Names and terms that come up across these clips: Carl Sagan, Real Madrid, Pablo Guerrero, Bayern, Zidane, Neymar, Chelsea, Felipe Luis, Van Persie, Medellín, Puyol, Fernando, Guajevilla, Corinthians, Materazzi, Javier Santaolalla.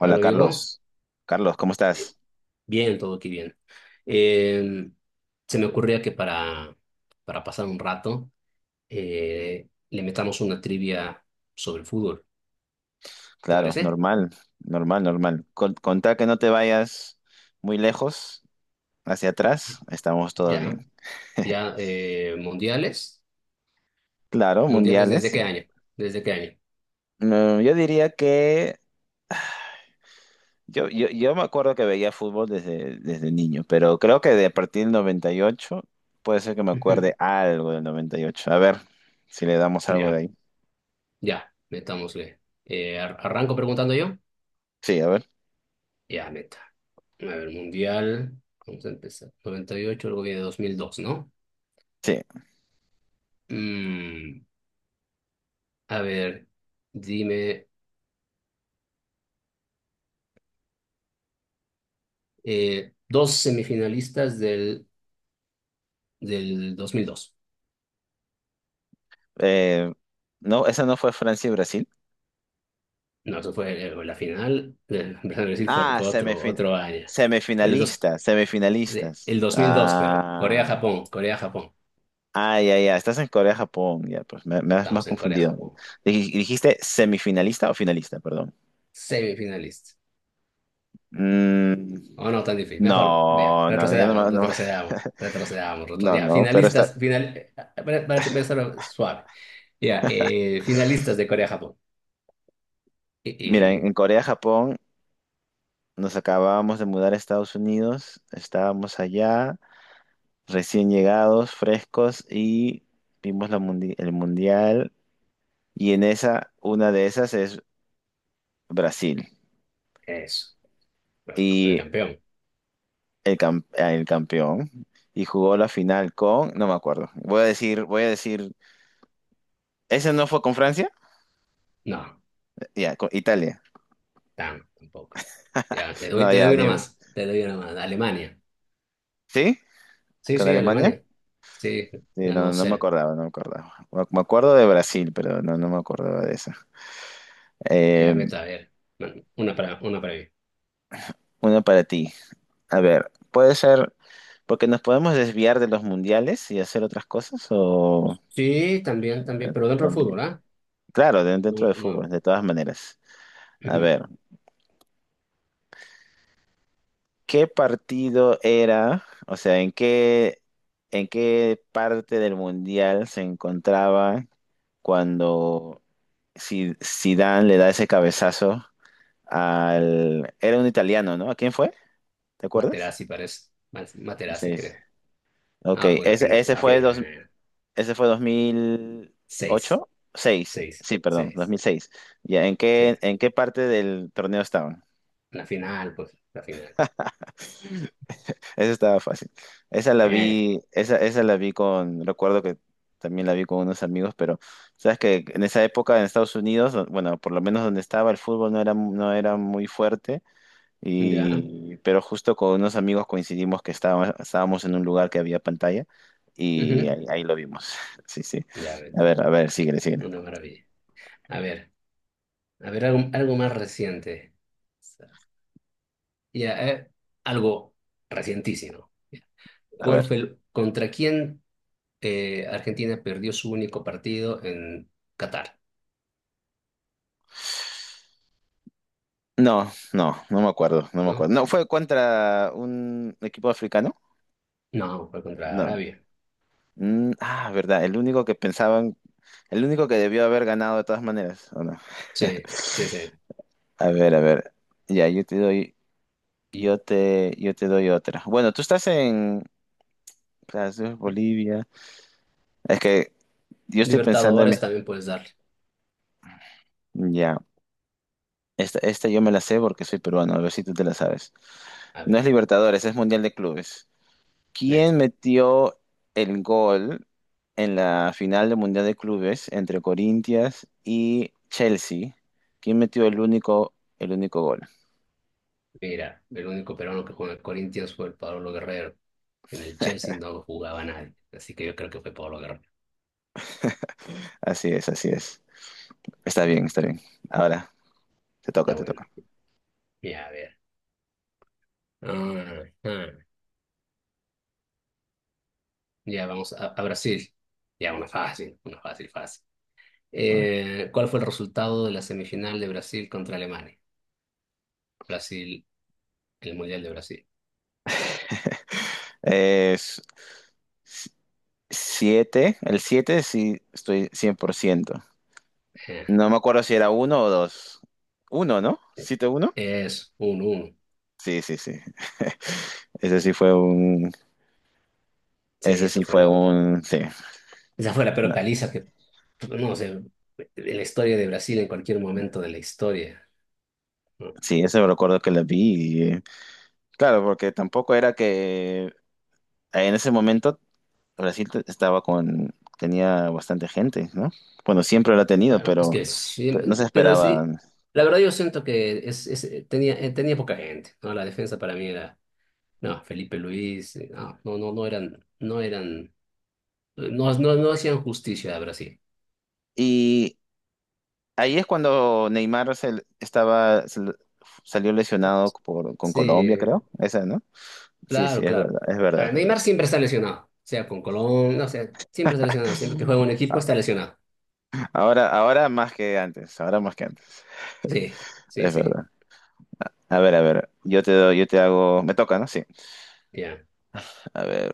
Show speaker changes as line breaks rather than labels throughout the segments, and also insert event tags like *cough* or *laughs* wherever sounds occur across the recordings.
Ah, lo digo.
Carlos. Carlos, ¿cómo
eh,
estás?
Bien, todo aquí bien. Eh, se me ocurría que para pasar un rato, le metamos una trivia sobre el fútbol. ¿Te
Claro,
parece?
normal. Con que no te vayas muy lejos, hacia atrás,
Sí.
estamos todo bien.
Ya, ya. Mundiales.
Claro,
¿Mundiales desde
mundiales.
qué año? ¿Desde qué año?
Yo diría que yo me acuerdo que veía fútbol desde niño, pero creo que de a partir del 98, puede ser que me
Ujú.
acuerde algo del 98. A ver si le damos algo de
Ya,
ahí.
ya. Metámosle. ¿Arranco preguntando yo?
Sí, a ver.
Ya, meta. A ver, mundial. Vamos a empezar. 98, luego viene 2002, ¿no?
Sí.
Mm, a ver, dime. Dos semifinalistas del 2002.
Eh, no, esa no fue Francia y Brasil.
No, eso fue la final, *laughs* empezando a decir fue,
Ah,
fue otro, otro año. Pero
semifinalistas, semifinalistas.
el 2002, pero Corea-Japón, Corea-Japón.
Ya, ya. Estás en Corea, Japón. Ya, pues me has más
Estamos en
confundido.
Corea-Japón.
¿Dijiste semifinalista o finalista? Perdón.
Semifinalistas.
Mm,
Oh, no, tan difícil. Mejor, vea,
no, yo
retrocedamos, retrocedamos,
*laughs*
retrocedamos, retrocedamos.
no,
Ya,
no, pero está.
finalistas, final, para empezar suave. Ya, finalistas de Corea-Japón. Y,
Mira,
y
en Corea, Japón, nos acabábamos de mudar a Estados Unidos. Estábamos allá, recién llegados, frescos, y vimos la el mundial. Y en esa, una de esas es Brasil.
eso, el
Y
campeón.
el, ah, el campeón. Y jugó la final con, no me acuerdo. Voy a decir, ¿ese no fue con Francia?
No,
Ya, con Italia.
tampoco. Ya, te doy,
No,
te
ya,
doy una
dime.
más. Te doy una más. Alemania.
¿Sí?
Sí,
¿Con
sí,
Alemania?
Alemania. Sí,
Sí,
ganó cero.
no me acordaba. Me acuerdo de Brasil, pero no me acordaba de eso.
Ya
Eh,
me está, a ver. Bueno, una para mí.
una para ti. A ver, puede ser, porque nos podemos desviar de los mundiales y hacer otras cosas, o
Sí, también, también, pero dentro del
también.
fútbol, ¿ah?
Claro, dentro
No,
de
no.
fútbol, de todas maneras.
*clears throat*
A
Ujú.
ver. ¿Qué partido era? O sea, ¿en qué parte del mundial se encontraba cuando Zidane le da ese cabezazo al... Era un italiano, ¿no? ¿A quién fue? ¿Te acuerdas?
Materazzi parece. Materazzi,
Sí. Sí.
creo.
Ok,
Ah, pues la final, la final.
ese fue 2000
Seis,
ocho seis.
seis,
Sí, perdón, dos
seis.
mil seis. Ya,
Sí,
¿en qué parte del torneo estaban?
la final, pues, la final.
Esa estaba fácil.
Eh,
Esa la vi con, recuerdo que también la vi con unos amigos, pero sabes que en esa época en Estados Unidos, bueno, por lo menos donde estaba el fútbol no era muy fuerte,
ya,
y, pero justo con unos amigos coincidimos que estábamos en un lugar que había pantalla y
ujú,
ahí lo vimos. *laughs* Sí, sí.
ya,
Síguele, síguele.
una maravilla. A ver, a ver, algo más reciente. Ya, algo recientísimo. Ya.
A
¿Cuál
ver.
fue contra quién Argentina perdió su único partido en Qatar?
No me acuerdo, no me
¿No?
acuerdo. ¿No fue contra un equipo africano?
No, fue contra
No.
Arabia.
Ah, verdad, el único que pensaban, el único que debió haber ganado de todas maneras, ¿o no?
Sí, sí, sí.
*laughs* A ver, a ver. Ya, yo te doy, yo te doy otra. Bueno, tú estás en clases Bolivia. Es que yo estoy pensando en
Libertadores también puedes darle.
Ya. Esta yo me la sé porque soy peruano, a ver si tú te la sabes.
A
No es
ver,
Libertadores, es Mundial de Clubes.
neta.
¿Quién metió el gol en la final del Mundial de Clubes entre Corinthians y Chelsea? ¿Quién metió el único gol?
Mira, el único peruano que jugó en el Corinthians fue el Pablo Guerrero. En el Chelsea no jugaba nadie. Así que yo creo que fue Pablo Guerrero.
Así es, así es. Está bien, está bien. Ahora,
Está
te
bueno.
toca.
Ya, a ver. Ah, ah. Ya, vamos a Brasil. Ya, una fácil, fácil. ¿Cuál fue el resultado de la semifinal de Brasil contra Alemania? Brasil, el Mundial de Brasil.
Es 7, el 7 sí estoy 100%.
Eh,
No me acuerdo si era uno o dos. Uno, no
eh,
7-1.
es 1 uno.
Sí, sí, sí. Ese sí fue un...
Sí,
Ese
esa
sí
fue
fue
la,
un... Sí.
esa fue la peor
No,
paliza que, no sé, de la historia de Brasil en cualquier momento de la historia, ¿no?
Sí, eso me recuerdo que la vi. Y, claro, porque tampoco era que en ese momento Brasil estaba con, tenía bastante gente, ¿no? Bueno, siempre lo ha tenido,
Bueno, es que sí,
pero no se
pero
esperaba.
sí, la verdad yo siento que tenía poca gente, ¿no? La defensa para mí era, no, Felipe Luis, no, no, no, no eran, no, no, no hacían justicia a Brasil.
Y ahí es cuando Neymar salió lesionado por, con Colombia, creo.
Sí,
Esa, ¿no? Sí, sí,
claro, claro. Ah,
es verdad.
Neymar siempre está lesionado, sea con Colón, no sé, siempre está lesionado, siempre que juega un
*laughs*
equipo está lesionado.
Ahora, ahora más que antes,
Sí, sí,
es
sí,
verdad. A ver, yo te doy, yo te hago, me toca, ¿no? Sí.
ya.
A ver.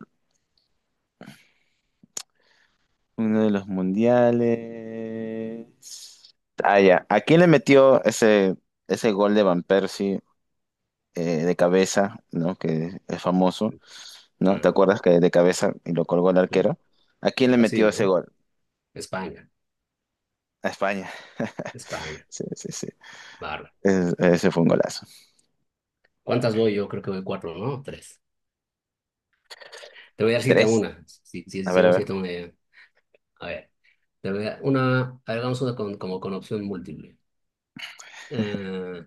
Uno de los mundiales. Ah, ya. ¿A quién le metió ese gol de Van Persie de cabeza, ¿no? Que es famoso, ¿no? ¿Te
Ah,
acuerdas que de cabeza y lo colgó el
mm.
arquero? ¿A quién le
Brasil,
metió ese
¿no?
gol?
España,
A España. *laughs*
España,
Sí, sí, sí.
bárbaro.
Ese fue un golazo.
¿Cuántas voy? Yo creo que voy cuatro, ¿no? Tres. Te voy a dar siete a
Tres.
una, si
A ver, a
llegamos
ver.
7-1. Ya. A ver, te voy a dar una, a ver, hagamos una como con opción múltiple. Eh,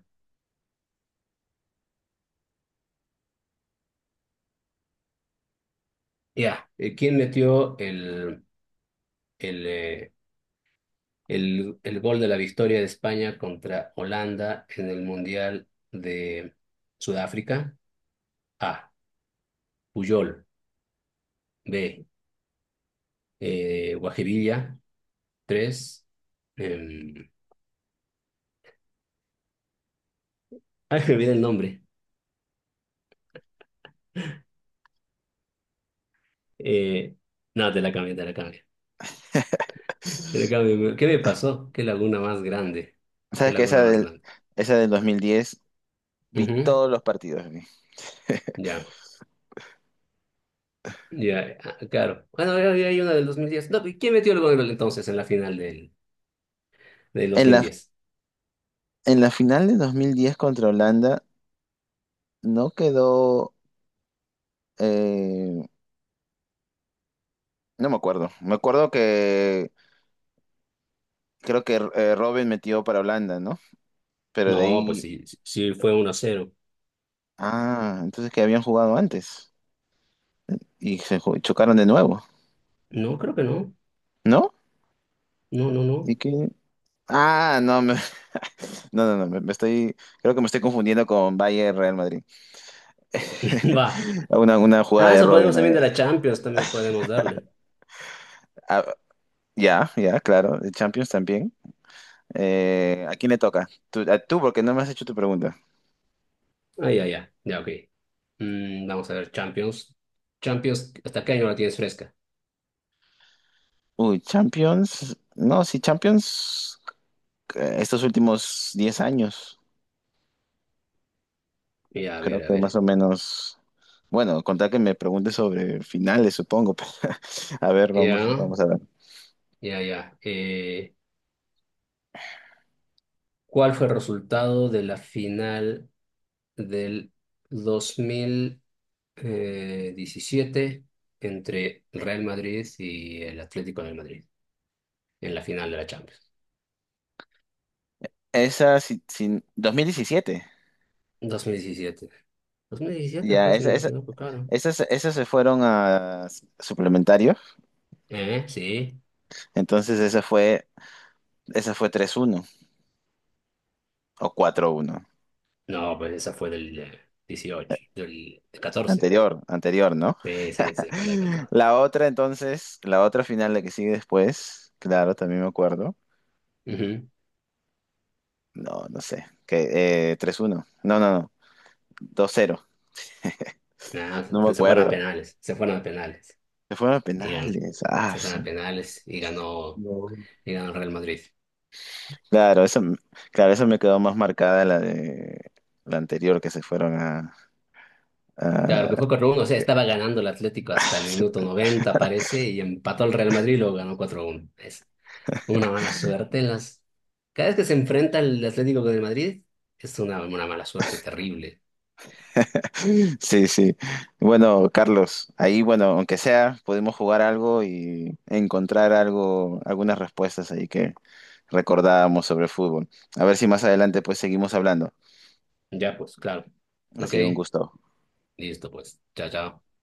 ya, ¿Quién metió el, eh, el gol de la victoria de España contra Holanda en el Mundial de Sudáfrica? A. Puyol. B. Guajevilla. Tres. Eh, Ay, me olvidé el nombre. Eh, no, te la cambié, te la cambié. Te la cambié. ¿Qué me pasó? ¿Qué laguna más grande? ¿Qué
¿Sabes que
laguna
esa
más
del,
grande?
¿esa del 2010 vi
Ujú,
todos los partidos? Vi. *laughs*
ya, ya, ah, claro. Bueno, ya había una del 2010. No, ¿y quién metió el gol entonces en la final del dos
En
mil
la,
diez
en la final de 2010 contra Holanda no quedó eh, No me acuerdo. Me acuerdo que creo que Robin metió para Holanda, ¿no? Pero de
No, pues
ahí.
sí, sí, sí, fue 1 cero.
Ah, entonces que habían jugado antes. Y se chocaron de nuevo,
No, creo que no.
¿no?
No, no,
¿Y
no.
que no, *laughs* no, no, no, me estoy. Creo que me estoy confundiendo con Bayern Real Madrid.
*clears throat* Va.
*laughs* Una jugada
Ah,
de
eso podemos
Robin.
también de la Champions, también podemos darle.
Ah, ya, ya, claro. De Champions también. ¿A quién le toca? Tú, porque no me has hecho tu pregunta.
Ah, ya, ya. Ya, ok. Vamos a ver, Champions. Champions, ¿hasta qué año la tienes fresca?
Uy, Champions. No, sí, Champions. Estos últimos 10 años,
Ya, a
creo
ver, a
que más
ver.
o menos, bueno, contar que me pregunte sobre finales, supongo. *laughs* Pero,
Ya,
vamos a ver.
ya, ya. ¿Cuál fue el resultado de la final del 2017 entre el Real Madrid y el Atlético de Madrid en la final de la Champions?
Esa, si, si- 2017,
2017. 2017 fue,
ya,
si no me equivoco, claro.
esas se fueron a suplementario,
¿Eh? Sí.
entonces esa esa fue 3-1 o 4-1
No, pues esa fue del 18, del 14.
Anterior, anterior, ¿no?
Sí, sí, sí, fue la del
*laughs*
catorce.
La otra entonces, la otra final, la que sigue después, claro, también me acuerdo.
Ujú.
No, no sé. Que, 3-1. No, no, no. 2-0
Nah,
No me
se fueron a
acuerdo.
penales, se fueron a penales.
Se fueron a
Y
penales. Ah,
se fueron a penales y ganó,
No.
y ganó el Real Madrid.
Claro, claro, eso me quedó más marcada la de la anterior que se fueron
Claro que
a-
fue 4-1, o sea, estaba ganando el Atlético hasta el minuto
*laughs*
90 parece, y empató el Real Madrid y luego ganó 4-1. Es una mala suerte en las... Cada vez que se enfrenta el Atlético con el Madrid, es una mala suerte terrible.
Sí, sí. Bueno, Carlos, ahí, bueno, aunque sea, pudimos jugar algo y encontrar algo, algunas respuestas ahí que recordábamos sobre el fútbol. A ver si más adelante pues seguimos hablando.
Ya, pues, claro.
Ha
Ok,
sido un gusto.
listo, pues. Chao, chao.